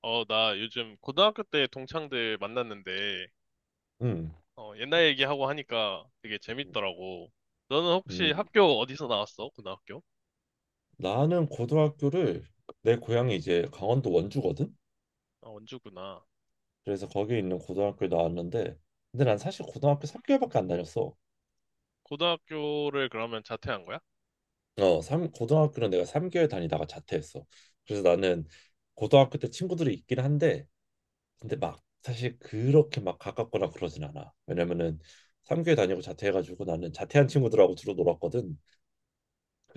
나 요즘 고등학교 때 동창들 만났는데, 음, 옛날 얘기하고 하니까 되게 재밌더라고. 너는 혹시 음, 학교 어디서 나왔어? 고등학교? 나는 고등학교를 내 고향이 이제 강원도 원주거든. 아, 원주구나. 그래서 거기에 있는 고등학교에 나왔는데, 근데 난 사실 고등학교 3개월밖에 안 다녔어. 고등학교를 그러면 자퇴한 거야? 어, 삼 고등학교는 내가 3개월 다니다가 자퇴했어. 그래서 나는 고등학교 때 친구들이 있긴 한데, 근데 막 사실 그렇게 막 가깝거나 그러진 않아. 왜냐면은 3개월 다니고 자퇴해가지고 나는 자퇴한 친구들하고 주로 놀았거든.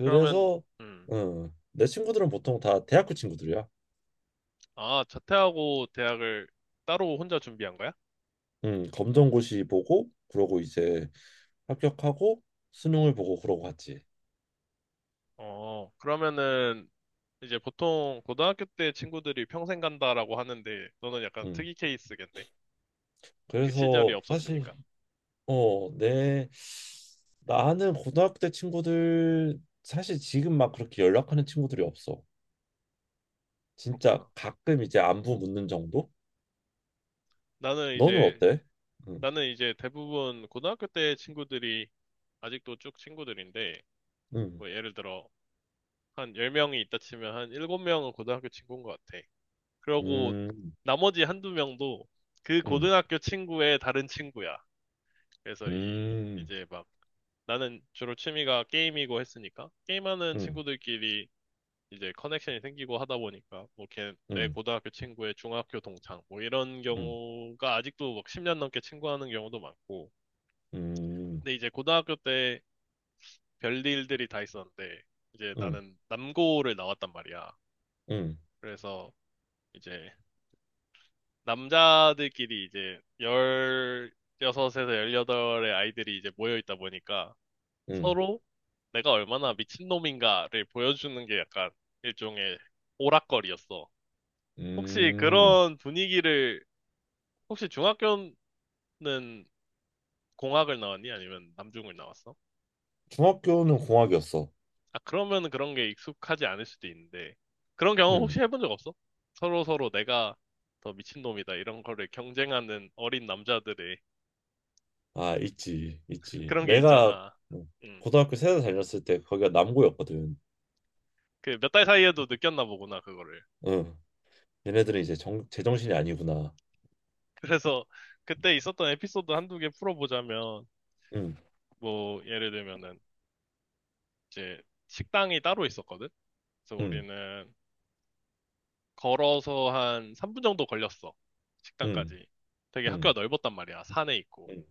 그러면, 음, 내 친구들은 보통 다 대학교 친구들이야. 아, 자퇴하고 대학을 따로 혼자 준비한 거야? 검정고시 보고 그러고 이제 합격하고 수능을 보고 그러고 갔지. 그러면은, 이제 보통 고등학교 때 친구들이 평생 간다라고 하는데, 너는 약간 음. 특이 케이스겠네. 그 시절이 그래서 사실 없었으니까. 어, 내 나는 고등학교 때 친구들 사실 지금 막 그렇게 연락하는 친구들이 없어. 진짜 그렇구나. 가끔 이제 안부 묻는 정도? 나는 너는 이제 어때? 음. 나는 이제 대부분 고등학교 때 친구들이 아직도 쭉 친구들인데, 음. 뭐 예를 들어 한 10명이 있다 치면 한 7명은 고등학교 친구인 것 같아. 그러고 음. 나머지 한두 명도 그 음. 고등학교 친구의 다른 친구야. 그래서 이 음. 이제 막 나는 주로 취미가 게임이고 했으니까 게임하는 음. 친구들끼리 이제 커넥션이 생기고 하다 보니까 뭐 걔 내 음. 고등학교 친구의 중학교 동창 뭐 이런 음. 경우가 아직도 막 10년 넘게 친구하는 경우도 많고 음. 음. 근데 이제 고등학교 때 별일들이 다 있었는데 이제 나는 남고를 나왔단 말이야. 음. 그래서 이제 남자들끼리 이제 16에서 18의 아이들이 이제 모여 있다 보니까 음. 서로 내가 얼마나 미친놈인가를 보여주는 게 약간 일종의 오락거리였어. 혹시 음. 그런 분위기를 혹시 중학교는 공학을 나왔니? 아니면 남중을 나왔어? 중학교는 공학이었어. 아, 그러면 그런 게 익숙하지 않을 수도 있는데, 그런 경험 음. 혹시 해본 적 없어? 서로 서로 내가 더 미친놈이다, 이런 거를 경쟁하는 어린 남자들의 아, 있지, 있지. 그런 게 내가 있잖아. 뭐 음, 고등학교 세대 다녔을 때 거기가 남고였거든. 그 몇 달 사이에도 느꼈나 보구나, 그거를. 응. 얘네들은 이제 제정신이 아니구나. 그래서 그때 있었던 에피소드 한두 개 풀어보자면, 응, 뭐, 예를 들면은, 이제 식당이 따로 있었거든? 그래서 응, 우리는 걸어서 한 3분 정도 걸렸어. 응, 식당까지. 되게 학교가 응, 넓었단 말이야. 산에 있고. 응,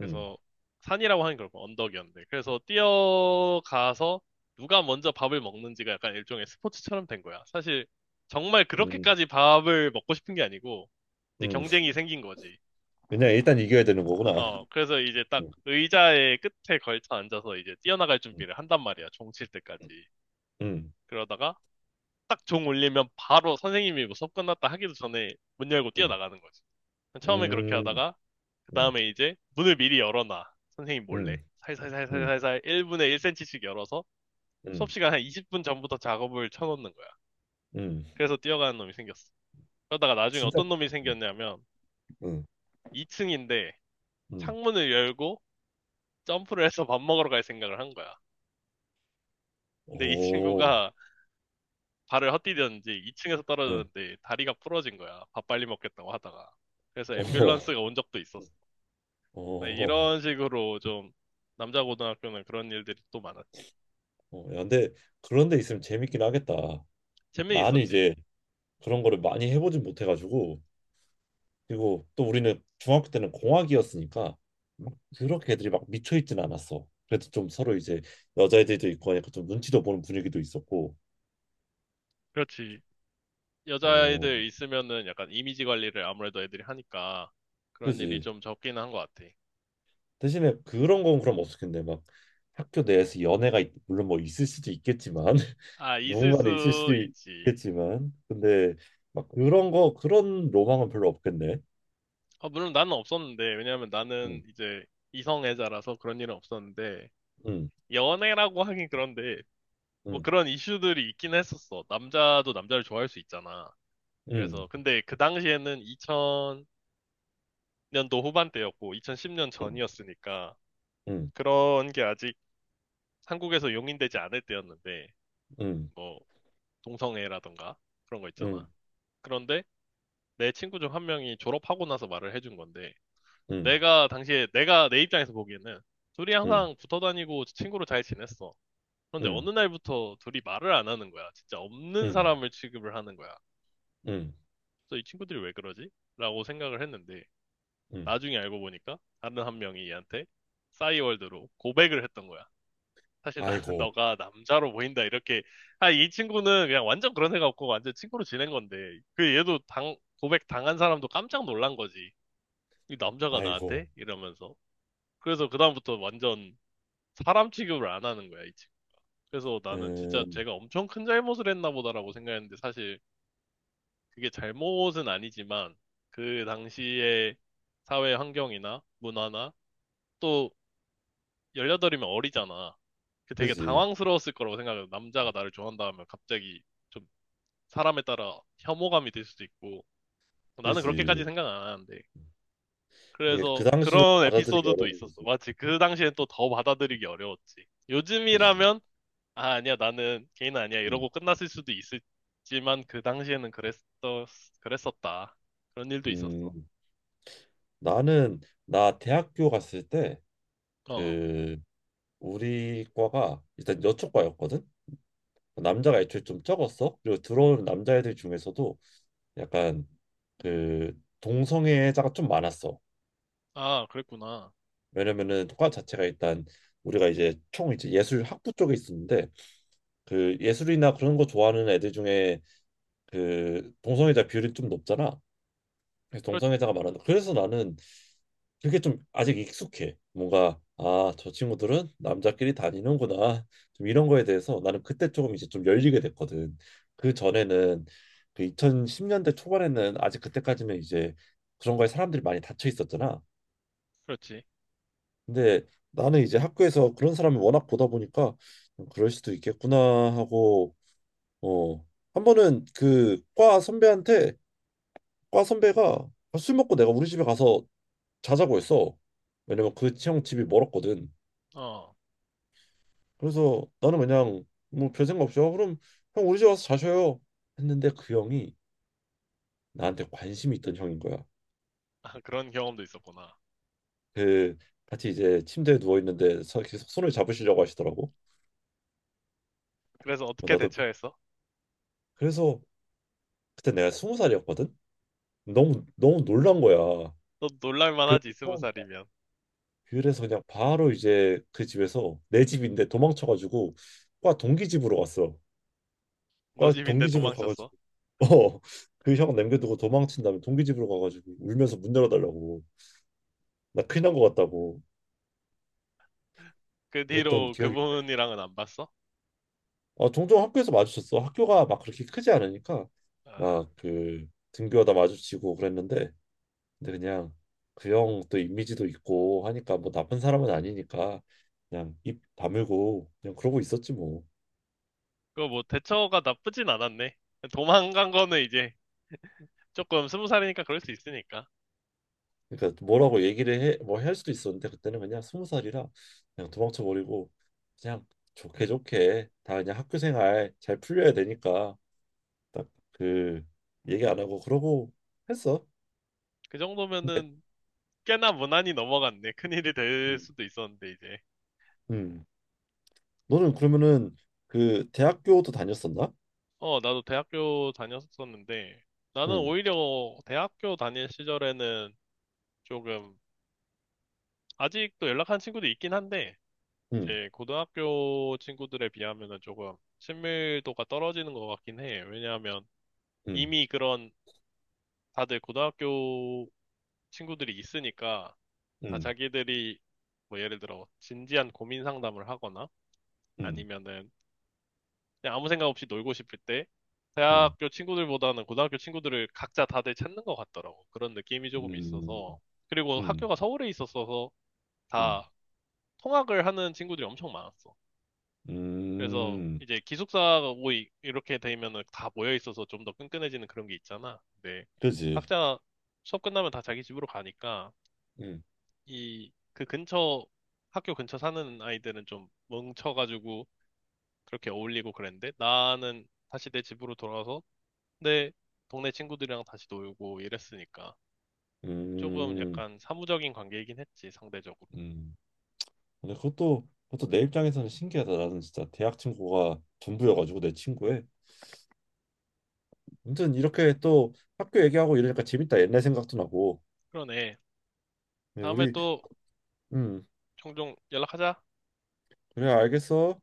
응, 산이라고 하는 걸 언덕이었는데 그래서 뛰어가서 누가 먼저 밥을 먹는지가 약간 일종의 스포츠처럼 된 거야. 사실 정말 응, 그렇게까지 밥을 먹고 싶은 게 아니고 이제 응. 경쟁이 생긴 거지. 그냥 아, 일단 이겨야 되는 거구나. 그래서 이제 딱 응, 의자의 끝에 걸쳐 앉아서 이제 뛰어나갈 응, 준비를 한단 말이야. 종칠 때까지. 응, 그러다가 딱 종 울리면 바로 선생님이 뭐 수업 끝났다 하기도 전에 문 열고 응, 뛰어나가는 거지. 처음에 그렇게 응, 하다가 그 응, 다음에 이제 문을 미리 열어놔. 선생님 몰래. 응, 응, 살살살살살살 1분에 1cm씩 열어서 응, 수업 시간 한 20분 전부터 작업을 쳐놓는 거야. 응. 그래서 뛰어가는 놈이 생겼어. 그러다가 나중에 진짜. 어떤 놈이 응, 생겼냐면 응. 2층인데 응. 창문을 열고 점프를 해서 밥 먹으러 갈 생각을 한 거야. 근데 이 오, 친구가 발을 헛디뎠는지 2층에서 응. 떨어졌는데 다리가 부러진 거야. 밥 빨리 먹겠다고 하다가. 그래서 어, 앰뷸런스가 온 적도 있었어. 어, 어. 이런 식으로 좀 남자 고등학교는 그런 일들이 또 많았지. 어. 야, 근데 그런 데 있으면 재밌긴 하겠다. 재미 나는 있었지. 이제 그런 거를 많이 해보진 못해가지고, 그리고 또 우리는 중학교 때는 공학이었으니까 막 그렇게 애들이 막 미쳐 있진 않았어. 그래도 좀 서로 이제 여자애들도 있고 하니까 좀 눈치도 보는 분위기도 있었고, 그렇지. 어, 여자애들 있으면은 약간 이미지 관리를 아무래도 애들이 하니까 그런 일이 그지. 좀 적긴 한 것 같아. 대신에 그런 건 그럼 없었겠네. 막 학교 내에서 연애가 물론 뭐 있을 수도 있겠지만 아, 있을 수 누군가는 있을 수도 있지. 있겠지만, 근데 막 그런 거, 그런 로망은 별로 없겠네. 아, 물론 나는 없었는데, 왜냐면 나는 응, 이제 이성애자라서 그런 일은 없었는데, 응, 연애라고 하긴 그런데, 뭐 응, 그런 이슈들이 있긴 했었어. 남자도 남자를 좋아할 수 있잖아. 응, 그래서, 근데 그 당시에는 2000년도 후반대였고, 2010년 응, 전이었으니까, 응, 그런 게 아직 한국에서 용인되지 않을 때였는데, 응, 뭐, 동성애라던가 그런 거 응, 있잖아. 그런데 내 친구 중 한 명이 졸업하고 나서 말을 해준 건데 응, 내가 당시에 내가 내 입장에서 보기에는 둘이 응, 항상 붙어 다니고 친구로 잘 지냈어. 그런데 응. 어느 날부터 둘이 말을 안 하는 거야. 진짜 없는 응, 사람을 취급을 하는 거야. 응, 그래서 이 친구들이 왜 그러지? 라고 생각을 했는데 응. 나중에 알고 보니까 다른 한 명이 얘한테 싸이월드로 고백을 했던 거야. 사실 나는 아이고, 너가 남자로 보인다 이렇게 아 이 친구는 그냥 완전 그런 애가 없고 완전 친구로 지낸 건데 그 얘도 당 고백 당한 사람도 깜짝 놀란 거지 이 남자가 아이고. 나한테 이러면서 그래서 그다음부터 완전 사람 취급을 안 하는 거야 이 친구 그래서 나는 진짜 음, 제가 엄청 큰 잘못을 했나 보다라고 생각했는데 사실 그게 잘못은 아니지만 그 당시의 사회 환경이나 문화나 또 18이면 어리잖아. 그 되게 그지, 당황스러웠을 거라고 생각해요. 남자가 나를 좋아한다 하면 갑자기 좀 사람에 따라 혐오감이 들 수도 있고. 나는 그렇게까지 그지. 생각 안 하는데. 이게 그 그래서 당시로는 그런 받아들이기 에피소드도 어려운 있었어. 거지. 마치 그 당시엔 또 더 받아들이기 어려웠지. 그지. 요즘이라면, 아, 아니야, 나는 개인 아니야. 음. 이러고 끝났을 수도 있었지만 그랬었다. 그런 일도 있었어. 음. 나는 나 대학교 갔을 때 어. 그 우리 과가 일단 여초과였거든. 남자가 애초에 좀 적었어. 그리고 들어온 남자애들 중에서도 약간 그 동성애자가 좀 많았어. 아, 그랬구나. 왜냐면은 과 자체가 일단 우리가 이제 총 이제 예술 학부 쪽에 있었는데, 그 예술이나 그런 거 좋아하는 애들 중에 그 동성애자 비율이 좀 높잖아. 그래서 그렇, 동성애자가 많아. 그래서 나는 그게 좀 아직 익숙해. 뭔가 아, 저 친구들은 남자끼리 다니는구나. 좀 이런 거에 대해서 나는 그때 조금 이제 좀 열리게 됐거든. 그 전에는 그 2010년대 초반에는 아직 그때까지는 이제 그런 거에 사람들이 많이 닫혀 있었잖아. 그렇지. 근데 나는 이제 학교에서 그런 사람을 워낙 보다 보니까 그럴 수도 있겠구나 하고, 어. 한 번은 그 과 선배한테, 과 선배가 "아, 술 먹고 내가 우리 집에 가서 자자고 했어. 왜냐면 그 형 집이 멀었거든. 어. 그래서 나는 그냥 뭐 별 생각 없이, 그럼 형 우리 집 와서 자셔요, 했는데 그 형이 나한테 관심이 있던 형인 거야. 아, 그런 경험도 있었구나. 그 같이 이제 침대에 누워 있는데 계속 손을 잡으시려고 하시더라고. 그래서 어, 어떻게 나도 대처했어? 그래서 그때 내가 스무 살이었거든. 너무 너무 놀란 거야. 너 놀랄만 그렇게 하지, 스무 처음, 살이면. 그래서 그냥 바로 이제 그 집에서, 내 집인데 도망쳐가지고 과 동기 집으로 갔어. 너 과 집인데 동기 집으로 도망쳤어. 가가지고 어, 그 형 남겨두고 도망친 다음에 동기 집으로 가가지고 울면서 문 열어달라고, 나 큰일 난 것 같다고 그 그랬던 뒤로 기억이. 그분이랑은 안 봤어? 아, 종종 학교에서 마주쳤어. 학교가 막 그렇게 크지 않으니까 아, 막 그 등교하다 마주치고 그랬는데, 근데 그냥 그 형 또 이미지도 있고 하니까, 뭐 나쁜 사람은 아니니까 그냥 입 다물고 그냥 그러고 있었지 뭐. 그거 뭐 대처가 나쁘진 않았네. 도망간 거는 이제 조금 스무 살이니까 그럴 수 있으니까. 그러니까 뭐라고 얘기를 해, 뭐 할 수도 있었는데 그때는 그냥 스무 살이라 그냥 도망쳐 버리고 그냥 좋게 좋게 다 그냥 학교 생활 잘 풀려야 되니까 딱 그 얘기 안 하고 그러고 했어. 그 정도면은 꽤나 무난히 넘어갔네. 큰일이 될 음. 수도 있었는데, 이제. 음. 너는 그러면은 그 대학교도 다녔었나? 어, 나도 대학교 다녔었는데, 나는 응. 오히려 대학교 다닐 시절에는 조금, 아직도 연락한 친구도 있긴 한데, 응. 이제 고등학교 친구들에 비하면은 조금 친밀도가 떨어지는 것 같긴 해. 왜냐하면 응. 이미 그런 다들 고등학교 친구들이 있으니까 다 응. 자기들이 뭐 예를 들어 진지한 고민 상담을 하거나 응. 아니면은 그냥 아무 생각 없이 놀고 싶을 때 응. 대학교 친구들보다는 고등학교 친구들을 각자 다들 찾는 것 같더라고. 그런 느낌이 조금 음. 있어서. 그리고 음. 학교가 서울에 있었어서 음. 다 통학을 하는 친구들이 엄청 많았어. 그래서 음. 이제 기숙사가 모이 이렇게 되면은 다 모여 있어서 좀 더 끈끈해지는 그런 게 있잖아. 근데 그지. 각자 수업 끝나면 다 자기 집으로 가니까 음. 이 그 근처 학교 근처 사는 아이들은 좀 뭉쳐가지고 그렇게 어울리고 그랬는데 나는 다시 내 집으로 돌아가서 내 동네 친구들이랑 다시 놀고 이랬으니까 조금 음. 약간 사무적인 관계이긴 했지 상대적으로. 음. 근데 그것도 내 입장에서는 신기하다. 나는 진짜 대학 친구가 전부여가지고 내 친구에. 아무튼 이렇게 또 학교 얘기하고 이러니까 재밌다. 옛날 생각도 나고. 그러네. 네, 다음에 우리 또 음 종종 연락하자. 그래, 알겠어.